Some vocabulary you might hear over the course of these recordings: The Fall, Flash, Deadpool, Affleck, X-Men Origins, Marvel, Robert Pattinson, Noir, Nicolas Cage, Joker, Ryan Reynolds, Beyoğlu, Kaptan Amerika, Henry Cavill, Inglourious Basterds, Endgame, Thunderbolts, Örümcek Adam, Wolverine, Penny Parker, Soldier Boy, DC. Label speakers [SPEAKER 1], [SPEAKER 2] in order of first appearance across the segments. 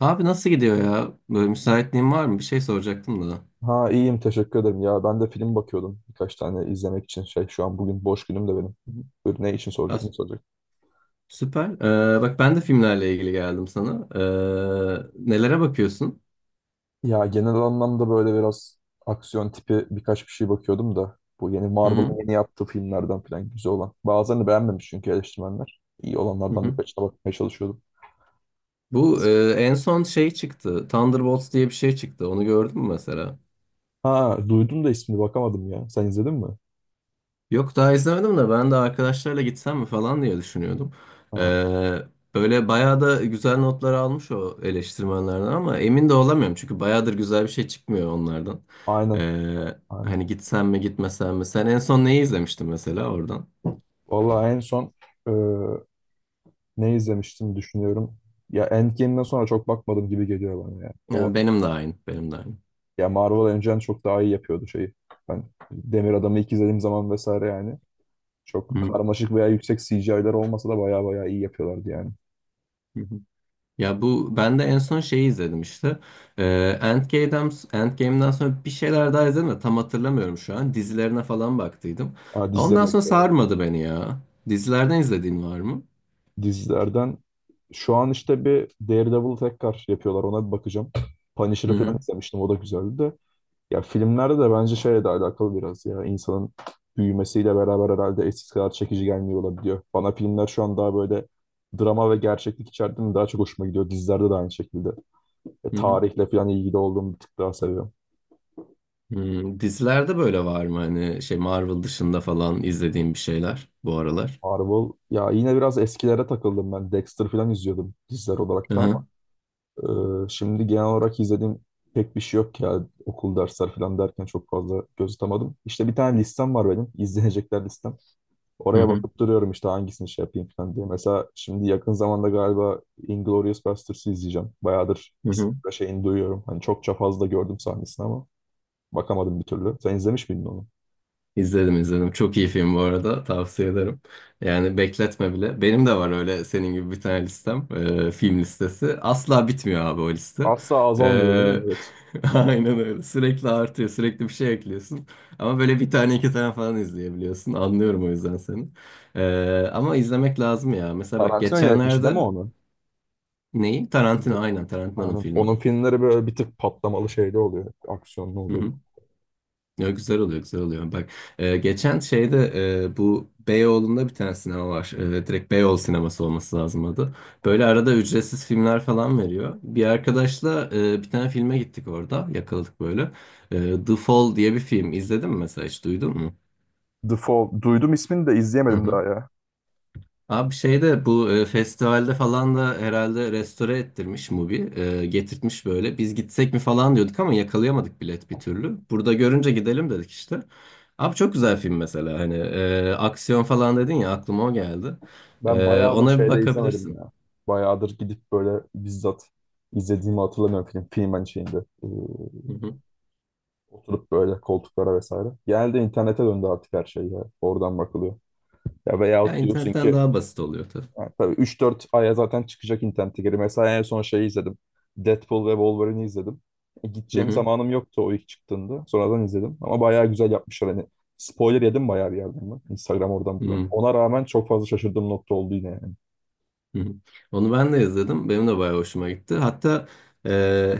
[SPEAKER 1] Abi nasıl gidiyor ya? Böyle müsaitliğin var mı? Bir şey soracaktım da.
[SPEAKER 2] Ha, iyiyim teşekkür ederim. Ya ben de film bakıyordum birkaç tane izlemek için. Şey şu an bugün boş günüm de benim. Buyur, ne için
[SPEAKER 1] Ya,
[SPEAKER 2] soracak ne soracak?
[SPEAKER 1] süper. Bak ben de filmlerle ilgili geldim sana. Nelere bakıyorsun?
[SPEAKER 2] Ya genel anlamda böyle biraz aksiyon tipi birkaç bir şey bakıyordum da. Bu yeni
[SPEAKER 1] Hı hı.
[SPEAKER 2] Marvel'ın yeni yaptığı filmlerden falan güzel olan. Bazılarını beğenmemiş çünkü eleştirmenler. İyi
[SPEAKER 1] Hı
[SPEAKER 2] olanlardan
[SPEAKER 1] hı.
[SPEAKER 2] birkaçına bakmaya çalışıyordum.
[SPEAKER 1] Bu
[SPEAKER 2] Eski.
[SPEAKER 1] en son şey çıktı. Thunderbolts diye bir şey çıktı. Onu gördün mü mesela?
[SPEAKER 2] Ha, duydum da ismini bakamadım ya. Sen izledin mi?
[SPEAKER 1] Yok daha izlemedim de ben de arkadaşlarla gitsem mi falan diye düşünüyordum. Ee,
[SPEAKER 2] Ha,
[SPEAKER 1] Böyle bayağı da güzel notlar almış o eleştirmenlerden, ama emin de olamıyorum. Çünkü bayağıdır güzel bir şey çıkmıyor onlardan.
[SPEAKER 2] aynen.
[SPEAKER 1] Ee,
[SPEAKER 2] Aynen.
[SPEAKER 1] Hani gitsem mi gitmesem mi? Sen en son neyi izlemiştin mesela oradan?
[SPEAKER 2] Vallahi en son e, ne izlemiştim düşünüyorum. Ya Endgame'den sonra çok bakmadım gibi geliyor bana ya.
[SPEAKER 1] Ya benim de aynı, benim de aynı.
[SPEAKER 2] Ya Marvel önceden çok daha iyi yapıyordu şeyi. Ben Demir Adam'ı ilk izlediğim zaman vesaire yani. Çok
[SPEAKER 1] Hı
[SPEAKER 2] karmaşık veya yüksek CGI'ler olmasa da baya baya iyi yapıyorlardı yani.
[SPEAKER 1] hı. Ya bu ben de en son şeyi izledim işte. Ee, Endgame'den sonra bir şeyler daha izledim de tam hatırlamıyorum şu an. Dizilerine falan baktıydım.
[SPEAKER 2] Aa, dizileri
[SPEAKER 1] Ondan
[SPEAKER 2] de
[SPEAKER 1] sonra
[SPEAKER 2] güzel.
[SPEAKER 1] sarmadı beni ya. Dizilerden izlediğin var mı?
[SPEAKER 2] Dizilerden şu an işte bir Daredevil'ı tekrar yapıyorlar. Ona bir bakacağım. Punisher'ı
[SPEAKER 1] Hı
[SPEAKER 2] falan
[SPEAKER 1] hı.
[SPEAKER 2] izlemiştim. O da güzeldi de. Ya filmlerde de bence şeyle de alakalı biraz ya insanın büyümesiyle beraber herhalde eskisi kadar çekici gelmiyor olabiliyor. Bana filmler şu an daha böyle drama ve gerçeklik içerdiğinde daha çok hoşuma gidiyor. Dizilerde de aynı şekilde.
[SPEAKER 1] Hı hı.
[SPEAKER 2] Tarihle falan ilgili olduğum bir tık daha seviyorum.
[SPEAKER 1] Dizilerde böyle var mı hani şey, Marvel dışında falan izlediğin bir şeyler bu aralar?
[SPEAKER 2] Marvel ya yine biraz eskilere takıldım ben. Dexter falan izliyordum diziler olarak
[SPEAKER 1] Hı
[SPEAKER 2] da ama
[SPEAKER 1] hı.
[SPEAKER 2] şimdi genel olarak izlediğim pek bir şey yok ya okul dersler falan derken çok fazla göz atamadım. İşte bir tane listem var benim, İzlenecekler listem.
[SPEAKER 1] Hı
[SPEAKER 2] Oraya
[SPEAKER 1] hı.
[SPEAKER 2] bakıp duruyorum işte hangisini şey yapayım falan diye. Mesela şimdi yakın zamanda galiba Inglourious Basterds'ı izleyeceğim. Bayağıdır
[SPEAKER 1] Hı
[SPEAKER 2] ismini
[SPEAKER 1] hı.
[SPEAKER 2] ve şeyini duyuyorum. Hani çokça fazla gördüm sahnesini ama bakamadım bir türlü. Sen izlemiş miydin onu?
[SPEAKER 1] İzledim, izledim. Çok iyi film bu arada. Tavsiye ederim. Yani bekletme bile. Benim de var öyle senin gibi bir tane listem. Film listesi. Asla bitmiyor abi o liste.
[SPEAKER 2] Asla azalmıyor değil
[SPEAKER 1] Ee,
[SPEAKER 2] mi? Evet.
[SPEAKER 1] aynen öyle. Sürekli artıyor. Sürekli bir şey ekliyorsun. Ama böyle bir tane iki tane falan izleyebiliyorsun. Anlıyorum o yüzden seni. Ama izlemek lazım ya. Mesela bak,
[SPEAKER 2] Tarantino yönetmişti değil mi
[SPEAKER 1] geçenlerde
[SPEAKER 2] onu?
[SPEAKER 1] neyi? Tarantino, aynen, Tarantino'nun
[SPEAKER 2] Aynen.
[SPEAKER 1] filmi.
[SPEAKER 2] Onun filmleri böyle bir tık patlamalı şeyde oluyor. Aksiyonlu oluyor.
[SPEAKER 1] Ya güzel oluyor, güzel oluyor. Bak, geçen şeyde bu Beyoğlu'nda bir tane sinema var. Direkt Beyoğlu Sineması olması lazım adı. Böyle arada ücretsiz filmler falan veriyor. Bir arkadaşla bir tane filme gittik orada. Yakaladık böyle. The Fall diye bir film. İzledin mi mesela, hiç duydun mu?
[SPEAKER 2] The Fall. Duydum ismini de izleyemedim daha ya.
[SPEAKER 1] Abi şeyde, bu festivalde falan da herhalde, restore ettirmiş Mubi. Getirtmiş böyle. Biz gitsek mi falan diyorduk ama yakalayamadık bilet bir türlü. Burada görünce gidelim dedik işte. Abi çok güzel film mesela. Hani aksiyon falan dedin ya, aklıma o geldi.
[SPEAKER 2] Ben bayağıdır
[SPEAKER 1] Ona bir
[SPEAKER 2] şeyde izlemedim
[SPEAKER 1] bakabilirsin.
[SPEAKER 2] ya. Bayağıdır gidip böyle bizzat izlediğimi hatırlamıyorum film. Filmen şeyinde. Ee,
[SPEAKER 1] Hı hı.
[SPEAKER 2] Oturup böyle koltuklara vesaire. Genelde internete döndü artık her şey ya. Oradan bakılıyor. Ya
[SPEAKER 1] Ya
[SPEAKER 2] veyahut diyorsun
[SPEAKER 1] internetten
[SPEAKER 2] ki
[SPEAKER 1] daha basit oluyor tabii.
[SPEAKER 2] ha, tabii 3-4 aya zaten çıkacak internete geri. Mesela en son şeyi izledim. Deadpool ve Wolverine'i izledim.
[SPEAKER 1] Hı
[SPEAKER 2] Gideceğim
[SPEAKER 1] hı.
[SPEAKER 2] zamanım yoktu o ilk çıktığında. Sonradan izledim. Ama bayağı güzel yapmışlar. Hani spoiler yedim bayağı bir yerden ben. Instagram oradan buradan.
[SPEAKER 1] Hı.
[SPEAKER 2] Ona rağmen çok fazla şaşırdığım nokta oldu yine yani.
[SPEAKER 1] Hı hı. Onu ben de izledim. Benim de bayağı hoşuma gitti. Hatta e,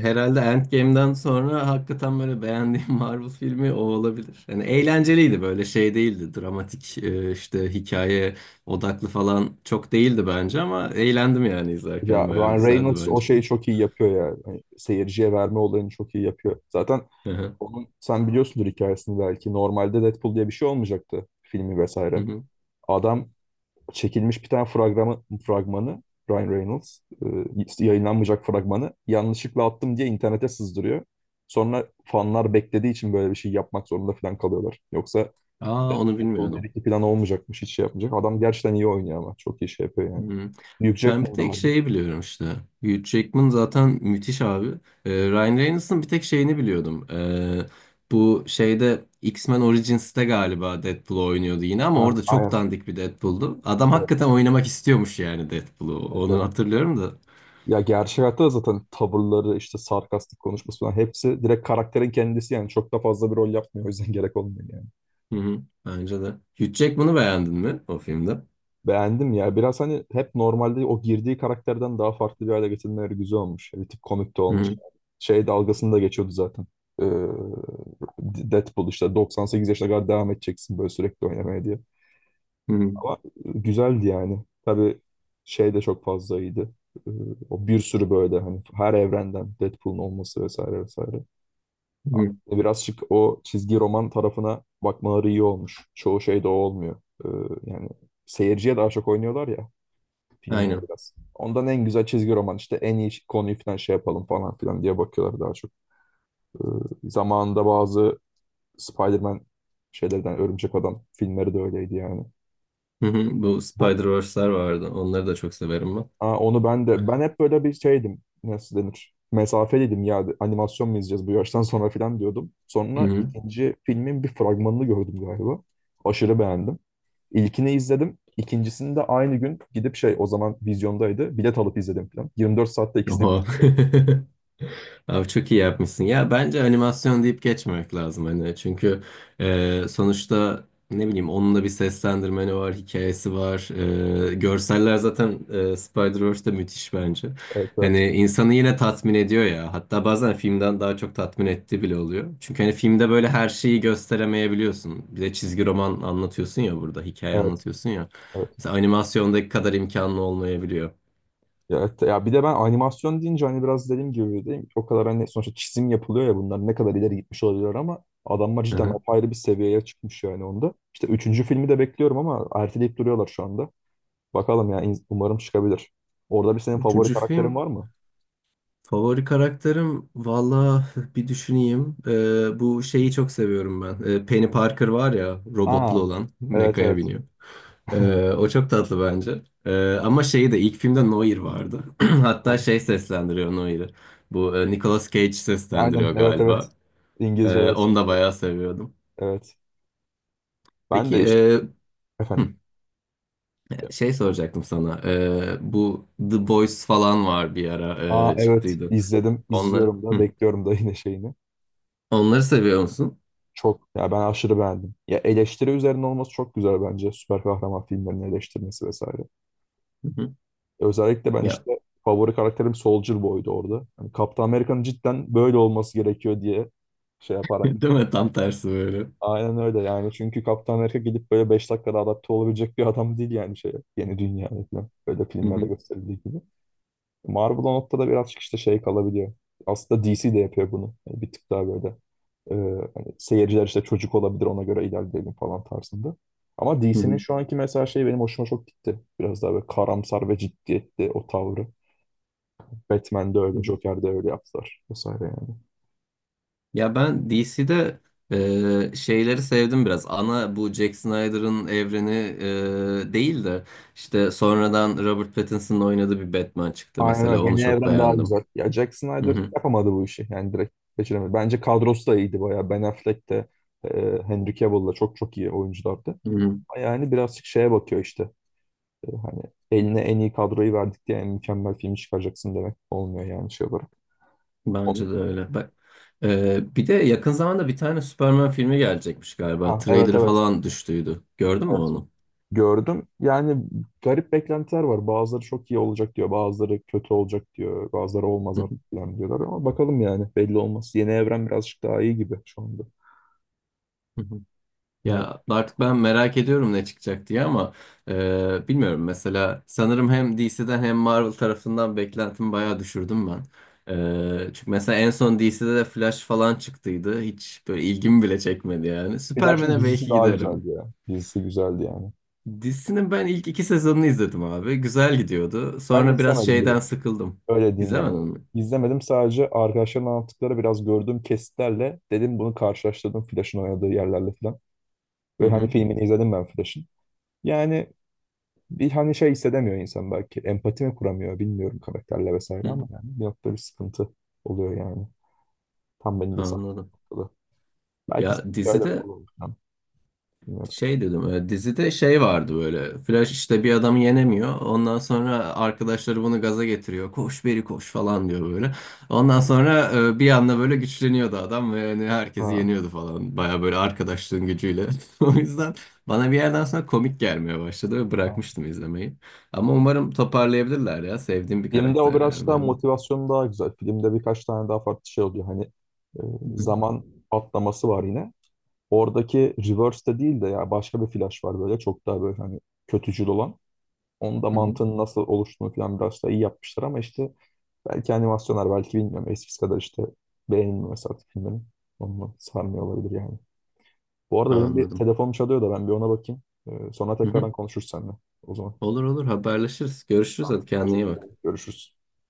[SPEAKER 1] herhalde Endgame'den sonra hakikaten böyle beğendiğim Marvel filmi o olabilir. Yani eğlenceliydi, böyle şey değildi. Dramatik, işte hikaye odaklı falan çok değildi bence, ama eğlendim yani
[SPEAKER 2] Ya
[SPEAKER 1] izlerken, bayağı
[SPEAKER 2] Ryan
[SPEAKER 1] güzeldi
[SPEAKER 2] Reynolds o
[SPEAKER 1] bence.
[SPEAKER 2] şeyi çok iyi yapıyor ya. Hani seyirciye verme olayını çok iyi yapıyor. Zaten
[SPEAKER 1] Hı hı.
[SPEAKER 2] onun sen biliyorsundur hikayesini belki. Normalde Deadpool diye bir şey olmayacaktı filmi
[SPEAKER 1] Hı
[SPEAKER 2] vesaire.
[SPEAKER 1] hı.
[SPEAKER 2] Adam çekilmiş bir tane fragmanı Ryan Reynolds yayınlanmayacak fragmanı yanlışlıkla attım diye internete sızdırıyor. Sonra fanlar beklediği için böyle bir şey yapmak zorunda falan kalıyorlar. Yoksa
[SPEAKER 1] Aa, onu
[SPEAKER 2] Deadpool
[SPEAKER 1] bilmiyordum.
[SPEAKER 2] 1-2 plan olmayacakmış hiç şey yapmayacak. Adam gerçekten iyi oynuyor ama çok iyi şey yapıyor yani.
[SPEAKER 1] Hmm.
[SPEAKER 2] Hugh
[SPEAKER 1] Ben bir
[SPEAKER 2] Jackman da
[SPEAKER 1] tek
[SPEAKER 2] vardı.
[SPEAKER 1] şeyi biliyorum işte. Hugh Jackman zaten müthiş abi. Ryan Reynolds'ın bir tek şeyini biliyordum. Bu şeyde, X-Men Origins'te galiba Deadpool oynuyordu yine, ama orada çok
[SPEAKER 2] Ha,
[SPEAKER 1] dandik bir Deadpool'du. Adam
[SPEAKER 2] evet,
[SPEAKER 1] hakikaten oynamak istiyormuş yani Deadpool'u.
[SPEAKER 2] evet,
[SPEAKER 1] Onu
[SPEAKER 2] evet.
[SPEAKER 1] hatırlıyorum da.
[SPEAKER 2] Ya gerçek hayatta da zaten tavırları, işte sarkastik konuşması falan hepsi direkt karakterin kendisi yani çok da fazla bir rol yapmıyor. O yüzden gerek olmuyor yani.
[SPEAKER 1] Hı hı. Bence de. Hugh Jackman'ı beğendin mi o filmde?
[SPEAKER 2] Beğendim ya. Biraz hani hep normalde o girdiği karakterden daha farklı bir hale getirmeleri güzel olmuş. Bir tip komik de
[SPEAKER 1] Hı
[SPEAKER 2] olmuş.
[SPEAKER 1] hı.
[SPEAKER 2] Şey dalgasını da geçiyordu zaten. Ee, Deadpool işte 98 yaşına kadar devam edeceksin böyle sürekli oynamaya diye.
[SPEAKER 1] Hı hı.
[SPEAKER 2] Ama güzeldi yani. Tabii şey de çok fazla iyiydi. Ee, O bir sürü böyle hani her evrenden Deadpool'un olması vesaire vesaire.
[SPEAKER 1] Hı hı.
[SPEAKER 2] Biraz şık o çizgi roman tarafına bakmaları iyi olmuş. Çoğu şey de o olmuyor. Yani seyirciye daha çok oynuyorlar ya filmler
[SPEAKER 1] Aynen.
[SPEAKER 2] biraz. Ondan en güzel çizgi roman işte en iyi konuyu falan şey yapalım falan filan diye bakıyorlar daha çok. Zamanında bazı Spider-Man şeylerden Örümcek Adam filmleri de öyleydi yani.
[SPEAKER 1] Hı hı. Bu
[SPEAKER 2] Bu
[SPEAKER 1] Spider-Verse'ler vardı. Onları da çok severim ben.
[SPEAKER 2] Aa, onu ben de ben hep böyle bir şeydim nasıl denir mesafeliydim ya animasyon mu izleyeceğiz bu yaştan sonra falan diyordum. Sonra ikinci filmin bir fragmanını gördüm galiba. Aşırı beğendim. İlkini izledim. İkincisini de aynı gün gidip şey o zaman vizyondaydı. Bilet alıp izledim falan. 24 saatte ikisini
[SPEAKER 1] Oha.
[SPEAKER 2] bitirmiş oldum.
[SPEAKER 1] Abi çok iyi yapmışsın. Ya bence animasyon deyip geçmemek lazım hani. Çünkü sonuçta, ne bileyim, onun da bir seslendirmeni var, hikayesi var. Görseller zaten Spider-Verse'de müthiş bence.
[SPEAKER 2] Evet, evet.
[SPEAKER 1] Hani insanı yine tatmin ediyor ya. Hatta bazen filmden daha çok tatmin ettiği bile oluyor. Çünkü hani filmde böyle her şeyi gösteremeyebiliyorsun. Bir de çizgi roman anlatıyorsun ya burada, hikaye
[SPEAKER 2] Evet.
[SPEAKER 1] anlatıyorsun ya.
[SPEAKER 2] Evet.
[SPEAKER 1] Mesela animasyondaki kadar imkanlı olmayabiliyor.
[SPEAKER 2] Ya, evet, ya bir de ben animasyon deyince hani biraz dediğim gibi değil mi? O kadar hani sonuçta çizim yapılıyor ya bunlar ne kadar ileri gitmiş olabilir ama adamlar
[SPEAKER 1] Hı
[SPEAKER 2] cidden
[SPEAKER 1] hı.
[SPEAKER 2] apayrı bir seviyeye çıkmış yani onda. İşte üçüncü filmi de bekliyorum ama erteleyip duruyorlar şu anda. Bakalım ya umarım çıkabilir. Orada bir senin favori
[SPEAKER 1] Üçüncü
[SPEAKER 2] karakterin
[SPEAKER 1] film
[SPEAKER 2] var mı?
[SPEAKER 1] Favori karakterim, valla bir düşüneyim. Bu şeyi çok seviyorum ben. Penny Parker var ya, robotlu
[SPEAKER 2] Aa,
[SPEAKER 1] olan,
[SPEAKER 2] evet,
[SPEAKER 1] mekaya
[SPEAKER 2] evet.
[SPEAKER 1] biniyor. O çok tatlı bence. Ama şeyi de, ilk filmde Noir vardı. Hatta
[SPEAKER 2] Tamam.
[SPEAKER 1] şey seslendiriyor Noir'i. Bu Nicolas Cage
[SPEAKER 2] Aynen,
[SPEAKER 1] seslendiriyor
[SPEAKER 2] evet,
[SPEAKER 1] galiba.
[SPEAKER 2] evet. İngilizce
[SPEAKER 1] Onu
[SPEAKER 2] versiyonu.
[SPEAKER 1] da bayağı seviyordum.
[SPEAKER 2] Evet. Evet. Ben
[SPEAKER 1] Peki
[SPEAKER 2] de işte efendim.
[SPEAKER 1] hı, şey soracaktım sana. Bu The Boys falan var, bir ara
[SPEAKER 2] Aa, evet,
[SPEAKER 1] çıktıydı.
[SPEAKER 2] izledim.
[SPEAKER 1] Onlar,
[SPEAKER 2] İzliyorum da
[SPEAKER 1] hı.
[SPEAKER 2] bekliyorum da yine şeyini.
[SPEAKER 1] Onları seviyor musun?
[SPEAKER 2] Çok ya ben aşırı beğendim. Ya eleştiri üzerine olması çok güzel bence. Süper kahraman filmlerinin eleştirmesi vesaire.
[SPEAKER 1] Hı hı.
[SPEAKER 2] Özellikle ben
[SPEAKER 1] Ya,
[SPEAKER 2] işte favori karakterim Soldier Boy'du orada. Yani Kaptan Amerika'nın cidden böyle olması gerekiyor diye şey yaparak.
[SPEAKER 1] değil mi? Tam tersi böyle.
[SPEAKER 2] Aynen öyle yani. Çünkü Kaptan Amerika gidip böyle 5 dakikada adapte olabilecek bir adam değil yani şeye. Yeni dünyaya falan. Böyle
[SPEAKER 1] Hı
[SPEAKER 2] filmlerde
[SPEAKER 1] hı,
[SPEAKER 2] gösterildiği gibi. Marvel o noktada birazcık işte şey kalabiliyor. Aslında DC de yapıyor bunu. Yani bir tık daha böyle e, hani seyirciler işte çocuk olabilir ona göre ilerleyelim falan tarzında. Ama
[SPEAKER 1] hı
[SPEAKER 2] DC'nin
[SPEAKER 1] hı,
[SPEAKER 2] şu anki mesela şey benim hoşuma çok gitti. Biraz daha böyle karamsar ve ciddiyetli o tavrı. Batman'de
[SPEAKER 1] hı
[SPEAKER 2] öyle,
[SPEAKER 1] hı.
[SPEAKER 2] Joker'de öyle yaptılar vesaire yani.
[SPEAKER 1] Ya ben DC'de şeyleri sevdim biraz. Ana bu Jack Snyder'ın evreni değil de, işte sonradan Robert Pattinson'ın oynadığı bir Batman çıktı
[SPEAKER 2] Aynen
[SPEAKER 1] mesela.
[SPEAKER 2] öyle.
[SPEAKER 1] Onu
[SPEAKER 2] Yeni
[SPEAKER 1] çok
[SPEAKER 2] evren daha
[SPEAKER 1] beğendim.
[SPEAKER 2] güzel. Ya Jack
[SPEAKER 1] Hı
[SPEAKER 2] Snyder
[SPEAKER 1] hı,
[SPEAKER 2] yapamadı bu işi. Yani direkt geçiremedi. Bence kadrosu da iyiydi bayağı. Ben Affleck de Henry Cavill da çok çok iyi oyunculardı.
[SPEAKER 1] hı hı.
[SPEAKER 2] Yani birazcık şeye bakıyor işte. Hani eline en iyi kadroyu verdik diye en mükemmel filmi çıkaracaksın demek olmuyor yani şey olarak. Onu-
[SPEAKER 1] Bence de öyle. Bak, bir de yakın zamanda bir tane Superman filmi gelecekmiş galiba.
[SPEAKER 2] Ha, evet,
[SPEAKER 1] Trailer'ı
[SPEAKER 2] evet.
[SPEAKER 1] falan düştüydü. Gördün mü
[SPEAKER 2] Evet.
[SPEAKER 1] onu?
[SPEAKER 2] Gördüm. Yani garip beklentiler var. Bazıları çok iyi olacak diyor. Bazıları kötü olacak diyor. Bazıları olmaz
[SPEAKER 1] Hı
[SPEAKER 2] artık
[SPEAKER 1] hı,
[SPEAKER 2] falan diyorlar ama bakalım yani belli olmaz. Yeni evren birazcık daha iyi gibi şu anda.
[SPEAKER 1] hı hı.
[SPEAKER 2] Evet.
[SPEAKER 1] Ya artık ben merak ediyorum ne çıkacak diye, ama bilmiyorum, mesela sanırım hem DC'den hem Marvel tarafından beklentimi bayağı düşürdüm ben. Çünkü mesela en son DC'de de Flash falan çıktıydı. Hiç böyle ilgimi bile çekmedi yani.
[SPEAKER 2] Flash'ın
[SPEAKER 1] Superman'e
[SPEAKER 2] dizisi
[SPEAKER 1] belki
[SPEAKER 2] daha
[SPEAKER 1] giderim.
[SPEAKER 2] güzeldi ya. Dizisi güzeldi yani.
[SPEAKER 1] Dizisinin ben ilk iki sezonunu izledim abi. Güzel gidiyordu.
[SPEAKER 2] Ben
[SPEAKER 1] Sonra biraz
[SPEAKER 2] izlemedim bile.
[SPEAKER 1] şeyden sıkıldım.
[SPEAKER 2] Öyle diyeyim yani.
[SPEAKER 1] İzlemedin mi?
[SPEAKER 2] İzlemedim, sadece arkadaşların anlattıkları biraz gördüğüm kesitlerle dedim bunu karşılaştırdım Flash'ın oynadığı yerlerle falan.
[SPEAKER 1] Hı
[SPEAKER 2] Ve hani
[SPEAKER 1] hı.
[SPEAKER 2] filmini izledim ben Flash'ın. Yani bir hani şey hissedemiyor insan belki. Empati mi kuramıyor bilmiyorum karakterle vesaire
[SPEAKER 1] hı
[SPEAKER 2] ama
[SPEAKER 1] hı.
[SPEAKER 2] yani bir noktada bir sıkıntı oluyor yani. Tam benim de
[SPEAKER 1] Anladım.
[SPEAKER 2] saklı. Belki
[SPEAKER 1] Ya
[SPEAKER 2] hikayeleri
[SPEAKER 1] dizide
[SPEAKER 2] kullanırım. Bilmiyorum.
[SPEAKER 1] Şey dedim, dizide şey vardı, böyle Flash işte bir adamı yenemiyor, ondan sonra arkadaşları bunu gaza getiriyor, koş beri koş falan diyor, böyle ondan sonra bir anda böyle güçleniyordu adam ve yani herkesi
[SPEAKER 2] Ha.
[SPEAKER 1] yeniyordu falan, baya böyle arkadaşlığın gücüyle. O yüzden bana bir yerden sonra komik gelmeye başladı ve
[SPEAKER 2] Ha.
[SPEAKER 1] bırakmıştım izlemeyi, ama umarım toparlayabilirler ya, sevdiğim bir
[SPEAKER 2] Filmde o
[SPEAKER 1] karakter
[SPEAKER 2] biraz
[SPEAKER 1] yani
[SPEAKER 2] daha
[SPEAKER 1] benim de.
[SPEAKER 2] motivasyon daha güzel. Filmde birkaç tane daha farklı şey oluyor. Hani e,
[SPEAKER 1] Hı hı,
[SPEAKER 2] zaman atlaması var yine. Oradaki reverse de değil de ya başka bir flash var böyle çok daha böyle hani kötücül olan. Onun da
[SPEAKER 1] hı hı.
[SPEAKER 2] mantığının nasıl oluştuğunu falan biraz daha iyi yapmışlar ama işte belki animasyonlar belki bilmiyorum eskisi kadar işte beğenilmiyor mesela artık filmlerin. Onunla sarmıyor olabilir yani. Bu arada benim bir
[SPEAKER 1] Anladım.
[SPEAKER 2] telefonum çalıyor da ben bir ona bakayım. Sonra
[SPEAKER 1] Hı hı.
[SPEAKER 2] tekrardan konuşuruz seninle. O zaman
[SPEAKER 1] Olur, olur, haberleşiriz, görüşürüz. Hadi kendine iyi
[SPEAKER 2] teşekkür
[SPEAKER 1] bak.
[SPEAKER 2] ederim. Görüşürüz.